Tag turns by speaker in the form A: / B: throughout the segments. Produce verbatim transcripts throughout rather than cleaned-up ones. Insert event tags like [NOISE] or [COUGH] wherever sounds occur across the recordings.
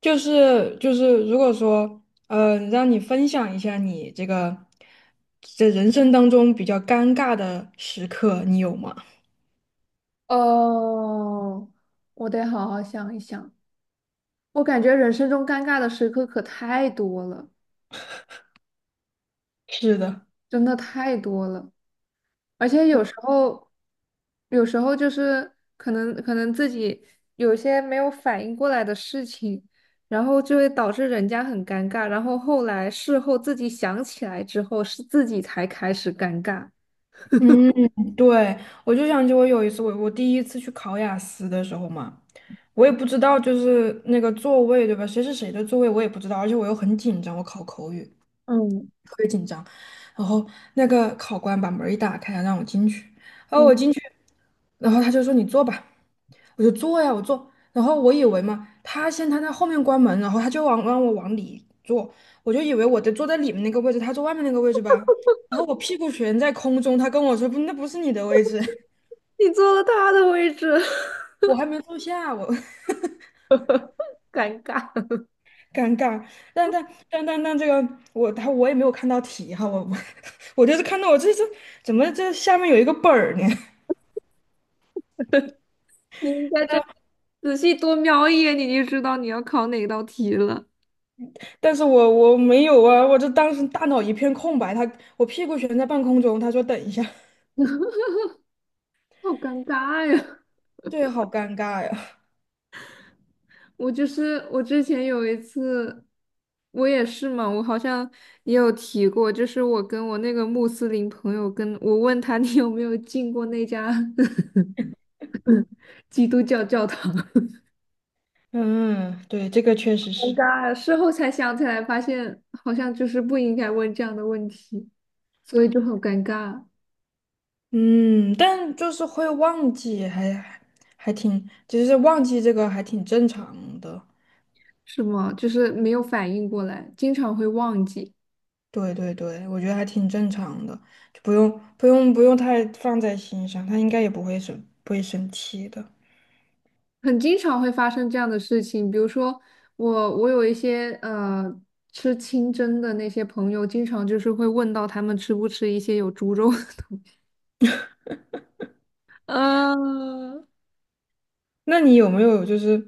A: 就是就是，如果说呃，让你分享一下你这个这人生当中比较尴尬的时刻，你有吗？
B: 哦，我得好好想一想。我感觉人生中尴尬的时刻可太多了，
A: 是的，
B: 真的太多了。而且有时候，有时候就是可能可能自己有一些没有反应过来的事情，然后就会导致人家很尴尬。然后后来事后自己想起来之后，是自己才开始尴尬。
A: 嗯，对，我就想起我有一次，我我第一次去考雅思的时候嘛，我也不知道就是那个座位对吧？谁是谁的座位我也不知道，而且我又很紧张，我考口语，
B: 嗯
A: 然后那个考官把门一打开，让我进去。然后
B: 嗯，
A: 我进去，然后他就说你坐吧，我就坐呀，我坐。然后我以为嘛，他先他在后面关门，然后他就往让我往里坐，我就以为我得坐在里面那个位置，他坐外面那个位置吧。然后我屁股悬在空中，他跟我说不，那不是你的位置，
B: 你坐了他的位置，
A: [LAUGHS] 我还没坐下，我
B: [LAUGHS] 尴尬。
A: [LAUGHS] 尴尬。但但但但但这个我他我也没有看到题哈，我我 [LAUGHS] 我就是看到我这这怎么这下面有一个本儿呢？[LAUGHS]
B: 你应该这仔细多瞄一眼，你就知道你要考哪道题了。
A: 但是我我没有啊，我这当时大脑一片空白，他我屁股悬在半空中，他说等一下，
B: 好尴尬呀！
A: [LAUGHS] 对，好尴尬呀。
B: [LAUGHS] 我就是我之前有一次，我也是嘛，我好像也有提过，就是我跟我那个穆斯林朋友跟，我问他你有没有进过那家 [LAUGHS] 基督教教堂，
A: 嗯，对，这个确实
B: [LAUGHS] 尴
A: 是，
B: 尬呀！事后才想起来，发现好像就是不应该问这样的问题，所以就很尴尬，
A: 嗯，但就是会忘记，还还还挺，其实忘记这个还挺正常的。
B: 是吗？就是没有反应过来，经常会忘记。
A: 对对对，我觉得还挺正常的，就不用不用不用太放在心上，他应该也不会生不会生气的。
B: 很经常会发生这样的事情，比如说我我有一些呃吃清真的那些朋友，经常就是会问到他们吃不吃一些有猪肉的东西 [LAUGHS]。啊，
A: 那你有没有就是，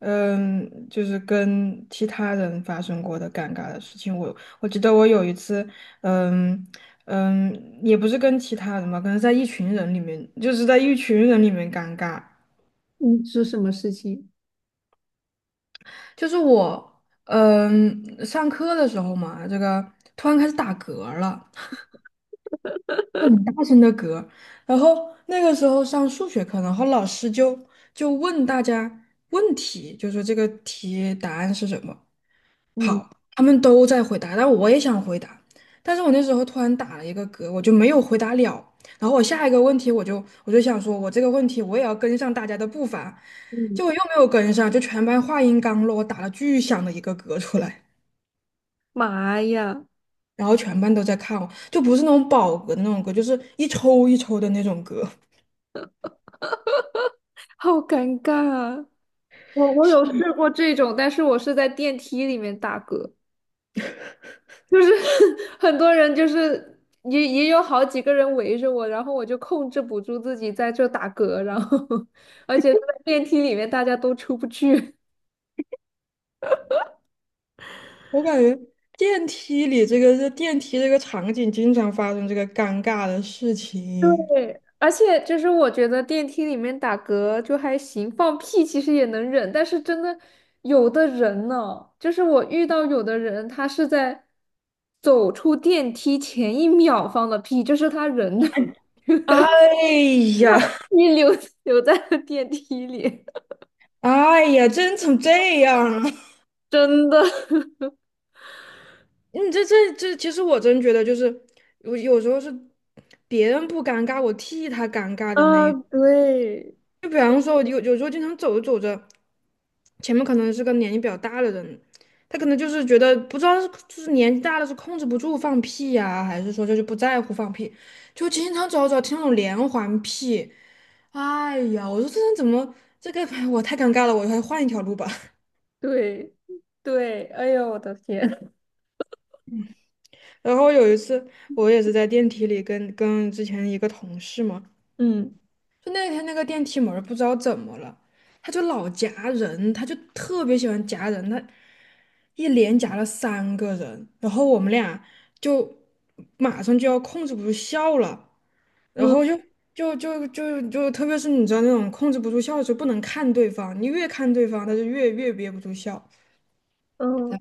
A: 嗯，就是跟其他人发生过的尴尬的事情？我我记得我有一次，嗯嗯，也不是跟其他人吧，可能在一群人里面，就是在一群人里面尴尬。
B: 嗯，是什么事情？
A: 就是我，嗯，上课的时候嘛，这个突然开始打嗝儿了，很大声的嗝。然后那个时候上数学课，然后老师就就问大家问题，就说这个题答案是什么。
B: 嗯
A: 好，他们都在回答，但我也想回答，但是我那时候突然打了一个嗝，我就没有回答了。然后我下一个问题，我就我就想说，我这个问题我也要跟上大家的步伐，
B: 嗯，
A: 结果又没有跟上，就全班话音刚落，我打了巨响的一个嗝出来，
B: 妈呀，
A: 然后全班都在看我，就不是那种饱嗝的那种嗝，就是一抽一抽的那种嗝。
B: 好尴尬啊！我我有试过这种，但是我是在电梯里面打嗝。就是 [LAUGHS] 很多人就是也也有好几个人围着我，然后我就控制不住自己在这打嗝，然后 [LAUGHS] 而且在电梯里面大家都出不去。
A: 我感觉电梯里这个这电梯这个场景经常发生这个尴尬的事
B: [LAUGHS]
A: 情。
B: 对，而且就是我觉得电梯里面打嗝就还行，放屁其实也能忍，但是真的有的人呢，就是我遇到有的人他是在走出电梯前一秒放的屁，就是他人
A: 哎呀，
B: [LAUGHS] 一留留在了电梯里，
A: 哎呀，真成这样了！
B: 真的。[LAUGHS]
A: [LAUGHS] 你这这这，其实我真觉得就是，我有时候是别人不尴尬，我替他尴尬
B: 啊，
A: 的那一种
B: 对
A: 就比方说，有有时候经常走着走着，前面可能是个年纪比较大的人，他可能就是觉得不知道是就是年纪大了是控制不住放屁呀、还是说就是不在乎放屁，就经常走着走着听那种连环屁，哎呀，我说这人怎么这个 [LAUGHS] 我太尴尬了，我还换一条路吧。
B: 对对，哎呦，我的天，[LAUGHS]
A: 然后有一次，我也是在电梯里跟跟之前一个同事嘛，
B: 嗯
A: 就那天那个电梯门儿不知道怎么了，他就老夹人，他就特别喜欢夹人，他一连夹了三个人，然后我们俩就马上就要控制不住笑了，然
B: 嗯
A: 后就就就就就特别是你知道那种控制不住笑的时候，不能看对方，你越看对方，他就越越憋不住笑。
B: 嗯，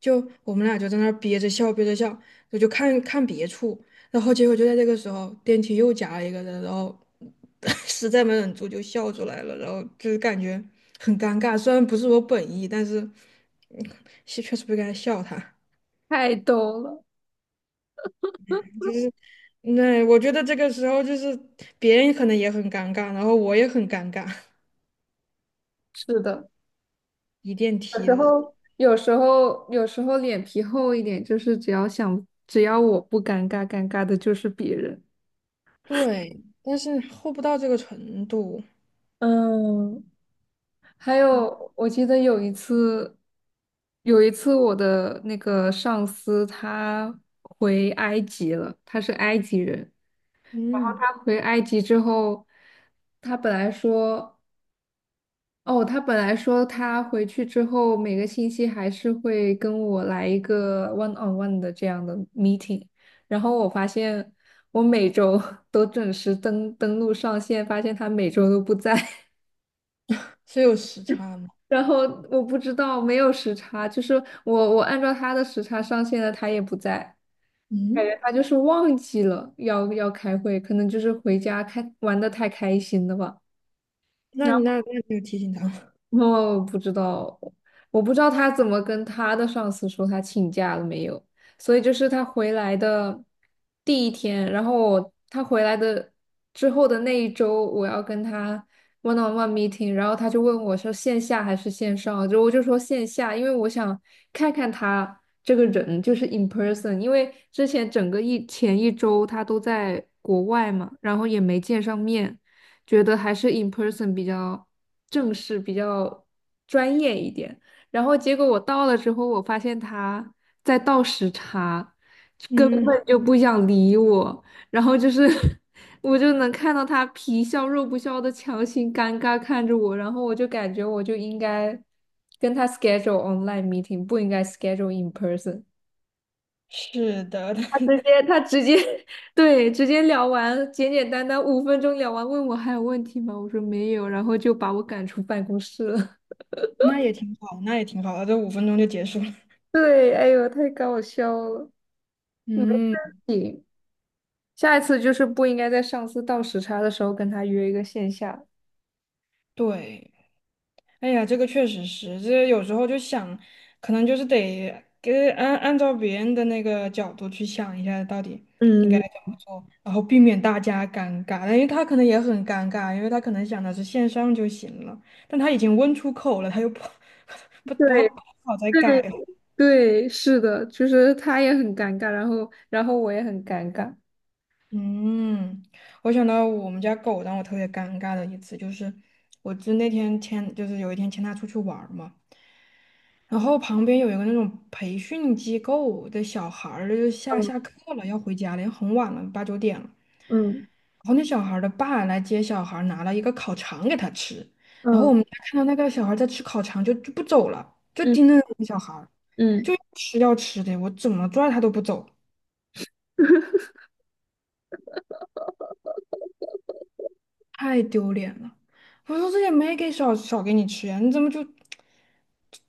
A: 就我们俩就在那儿憋着笑，憋着笑，我就看看别处，然后结果就在这个时候，电梯又夹了一个人，然后 [LAUGHS] 实在没忍住就笑出来了，然后就是感觉很尴尬，虽然不是我本意，但是嗯是确实不该笑他。
B: 太逗了，
A: 就是那我觉得这个时候就是别人可能也很尴尬，然后我也很尴尬，
B: 是的，
A: [LAUGHS] 一电
B: 有
A: 梯
B: 时
A: 的，
B: 候有时候有时候脸皮厚一点，就是只要想只要我不尴尬，尴尬的就是别人。
A: 对，但是厚不到这个程度，
B: 嗯，还有我记得有一次，有一次我的那个上司他回埃及了，他是埃及人。
A: 嗯，
B: 他回埃及之后，他本来说，哦，他本来说他回去之后每个星期还是会跟我来一个 one on one 的这样的 meeting，然后我发现我每周 [LAUGHS] 都准时登登录上线，发现他每周都不在，
A: 是有时差吗？
B: [LAUGHS] 然后我不知道没有时差，就是我我按照他的时差上线了，他也不在，感觉
A: 嗯，
B: 他就是忘记了要要开会，可能就是回家开玩的太开心了吧。
A: 那你那那你有提醒他
B: 哦，不知道，我不知道他怎么跟他的上司说他请假了没有，所以就是他回来的第一天，然后我他回来的之后的那一周，我要跟他 one on one meeting，然后他就问我是线下还是线上，就我就说线下，因为我想看看他这个人就是 in person，因为之前整个一前一周他都在国外嘛，然后也没见上面，觉得还是 in person 比较。正式、比较专业一点。然后结果我到了之后，我发现他在倒时差，根
A: 嗯，
B: 本就不想理我。然后就是 [LAUGHS] 我就能看到他皮笑肉不笑的强行尴尬看着我，然后我就感觉我就应该跟他 schedule online meeting，不应该 schedule in person。
A: 是的，
B: 他
A: [LAUGHS]
B: 直接，他直接，[LAUGHS] 对，直接聊完，简简单单五分钟聊完，问我还有问题吗？我说没有，然后就把我赶出办公室了。
A: 那也挺好，那也挺好的，这五分钟就结束了。
B: 对，哎呦，太搞笑了。嗯，
A: 嗯，
B: 下一次就是不应该在上司倒时差的时候跟他约一个线下。
A: 对，哎呀，这个确实是，这有时候就想，可能就是得给按按照别人的那个角度去想一下，到底应该
B: 嗯，
A: 怎么做，然后避免大家尴尬，因为他可能也很尴尬，因为他可能想的是线上就行了，但他已经问出口了，他又不 [LAUGHS] 不不好
B: 对
A: 不好再改
B: 对
A: 了。
B: 对，是的，就是他也很尴尬，然后然后我也很尴尬。
A: 嗯，我想到我们家狗让我特别尴尬的一次，就是我就那天牵，就是有一天牵它出去玩儿嘛，然后旁边有一个那种培训机构的小孩儿，就下
B: 嗯
A: 下课了，要回家了，也很晚了，八九点了。
B: 嗯
A: 然后那小孩儿的爸来接小孩儿拿了一个烤肠给他吃。然后
B: 嗯，
A: 我们家看到那个小孩儿在吃烤肠就，就不走了，就
B: 嗯
A: 盯着那个小孩儿就
B: 嗯，
A: 要吃要吃的，我怎么拽他都不走。太丢脸了！我说这也没给少少给你吃呀，你怎么就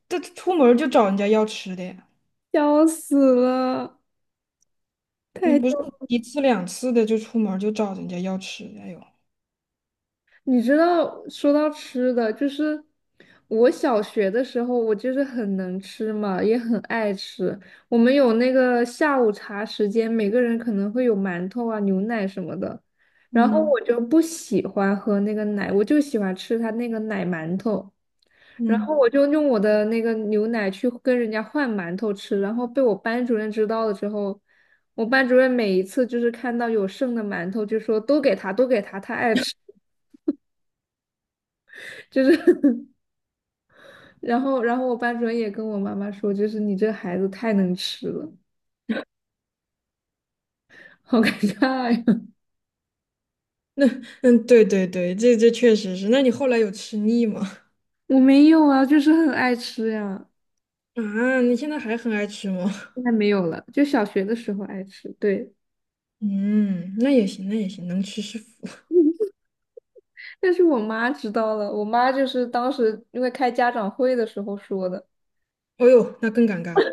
A: 这出门儿就找人家要吃的呀？
B: 笑死了。
A: 那不是
B: 太。
A: 一次两次的就出门儿就找人家要吃的，哎呦，
B: 你知道，说到吃的，就是我小学的时候，我就是很能吃嘛，也很爱吃。我们有那个下午茶时间，每个人可能会有馒头啊、牛奶什么的。然后
A: 嗯
B: 我就不喜欢喝那个奶，我就喜欢吃它那个奶馒头。然后
A: 嗯，
B: 我就用我的那个牛奶去跟人家换馒头吃，然后被我班主任知道了之后，我班主任每一次就是看到有剩的馒头，就说都给他，都给他，他爱吃，就是 [LAUGHS] 然后，然后我班主任也跟我妈妈说，就是你这孩子太能吃了，好尴尬呀！[LAUGHS]
A: 嗯，对对对，这这确实是。那你后来有吃腻吗？[LAUGHS]
B: 我没有啊，就是很爱吃呀，
A: 啊，你现在还很爱吃吗？
B: 现在没有了，就小学的时候爱吃，对。
A: 嗯，那也行，那也行，能吃是福。
B: 但是我妈知道了，我妈就是当时因为开家长会的时候说的，
A: 哦呦，那更尴尬了。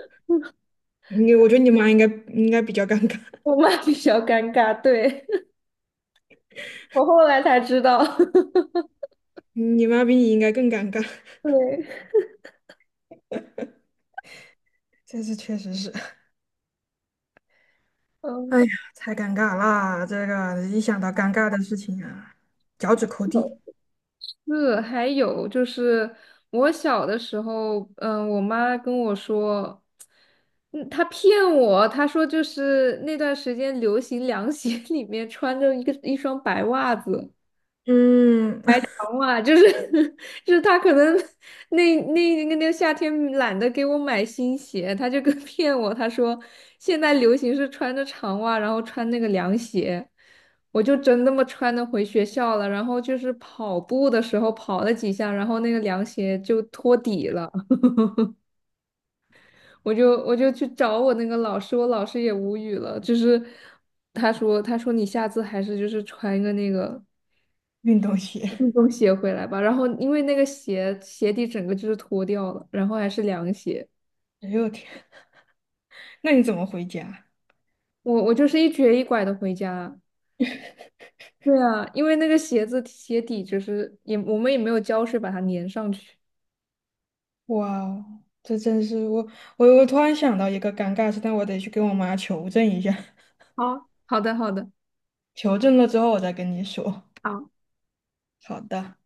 A: 你，我觉得你妈应该应该比较尴尬，
B: 我妈比较尴尬，对，[LAUGHS] 我后来才知道，
A: [LAUGHS] 你妈比你应该更尴尬。
B: [LAUGHS] 对，
A: [LAUGHS] 这次确实是。哎呀，
B: 嗯。
A: 太尴尬啦！这个一想到尴尬的事情啊，脚趾抠地。
B: 是，还有就是我小的时候，嗯，我妈跟我说，嗯，她骗我，她说就是那段时间流行凉鞋 [LAUGHS] 里面穿着一个一双白袜子，
A: 嗯，[LAUGHS]
B: 长袜就是 [LAUGHS] 就是他可能那那那个夏天懒得给我买新鞋，他就跟 [LAUGHS] 骗我，他说现在流行是穿着长袜，然后穿那个凉鞋，我就真那么穿的回学校了，然后就是跑步的时候跑了几下，然后那个凉鞋就脱底了，我就我就去找我那个老师，我老师也无语了，就是他说他说你下次还是就是穿一个那个。
A: 运动鞋。
B: 运动鞋回来吧。然后因为那个鞋鞋底整个就是脱掉了，然后还是凉鞋，
A: 哎呦我天，那你怎么回家？
B: 我我就是一瘸一拐的回家。对啊，因为那个鞋子鞋底就是也我们也没有胶水把它粘上去。
A: 哇哦这真是我我我突然想到一个尴尬事，但我得去跟我妈求证一下，[LAUGHS]
B: 好，好的，好的。
A: 求证了之后我再跟你说。
B: 好。
A: 好的。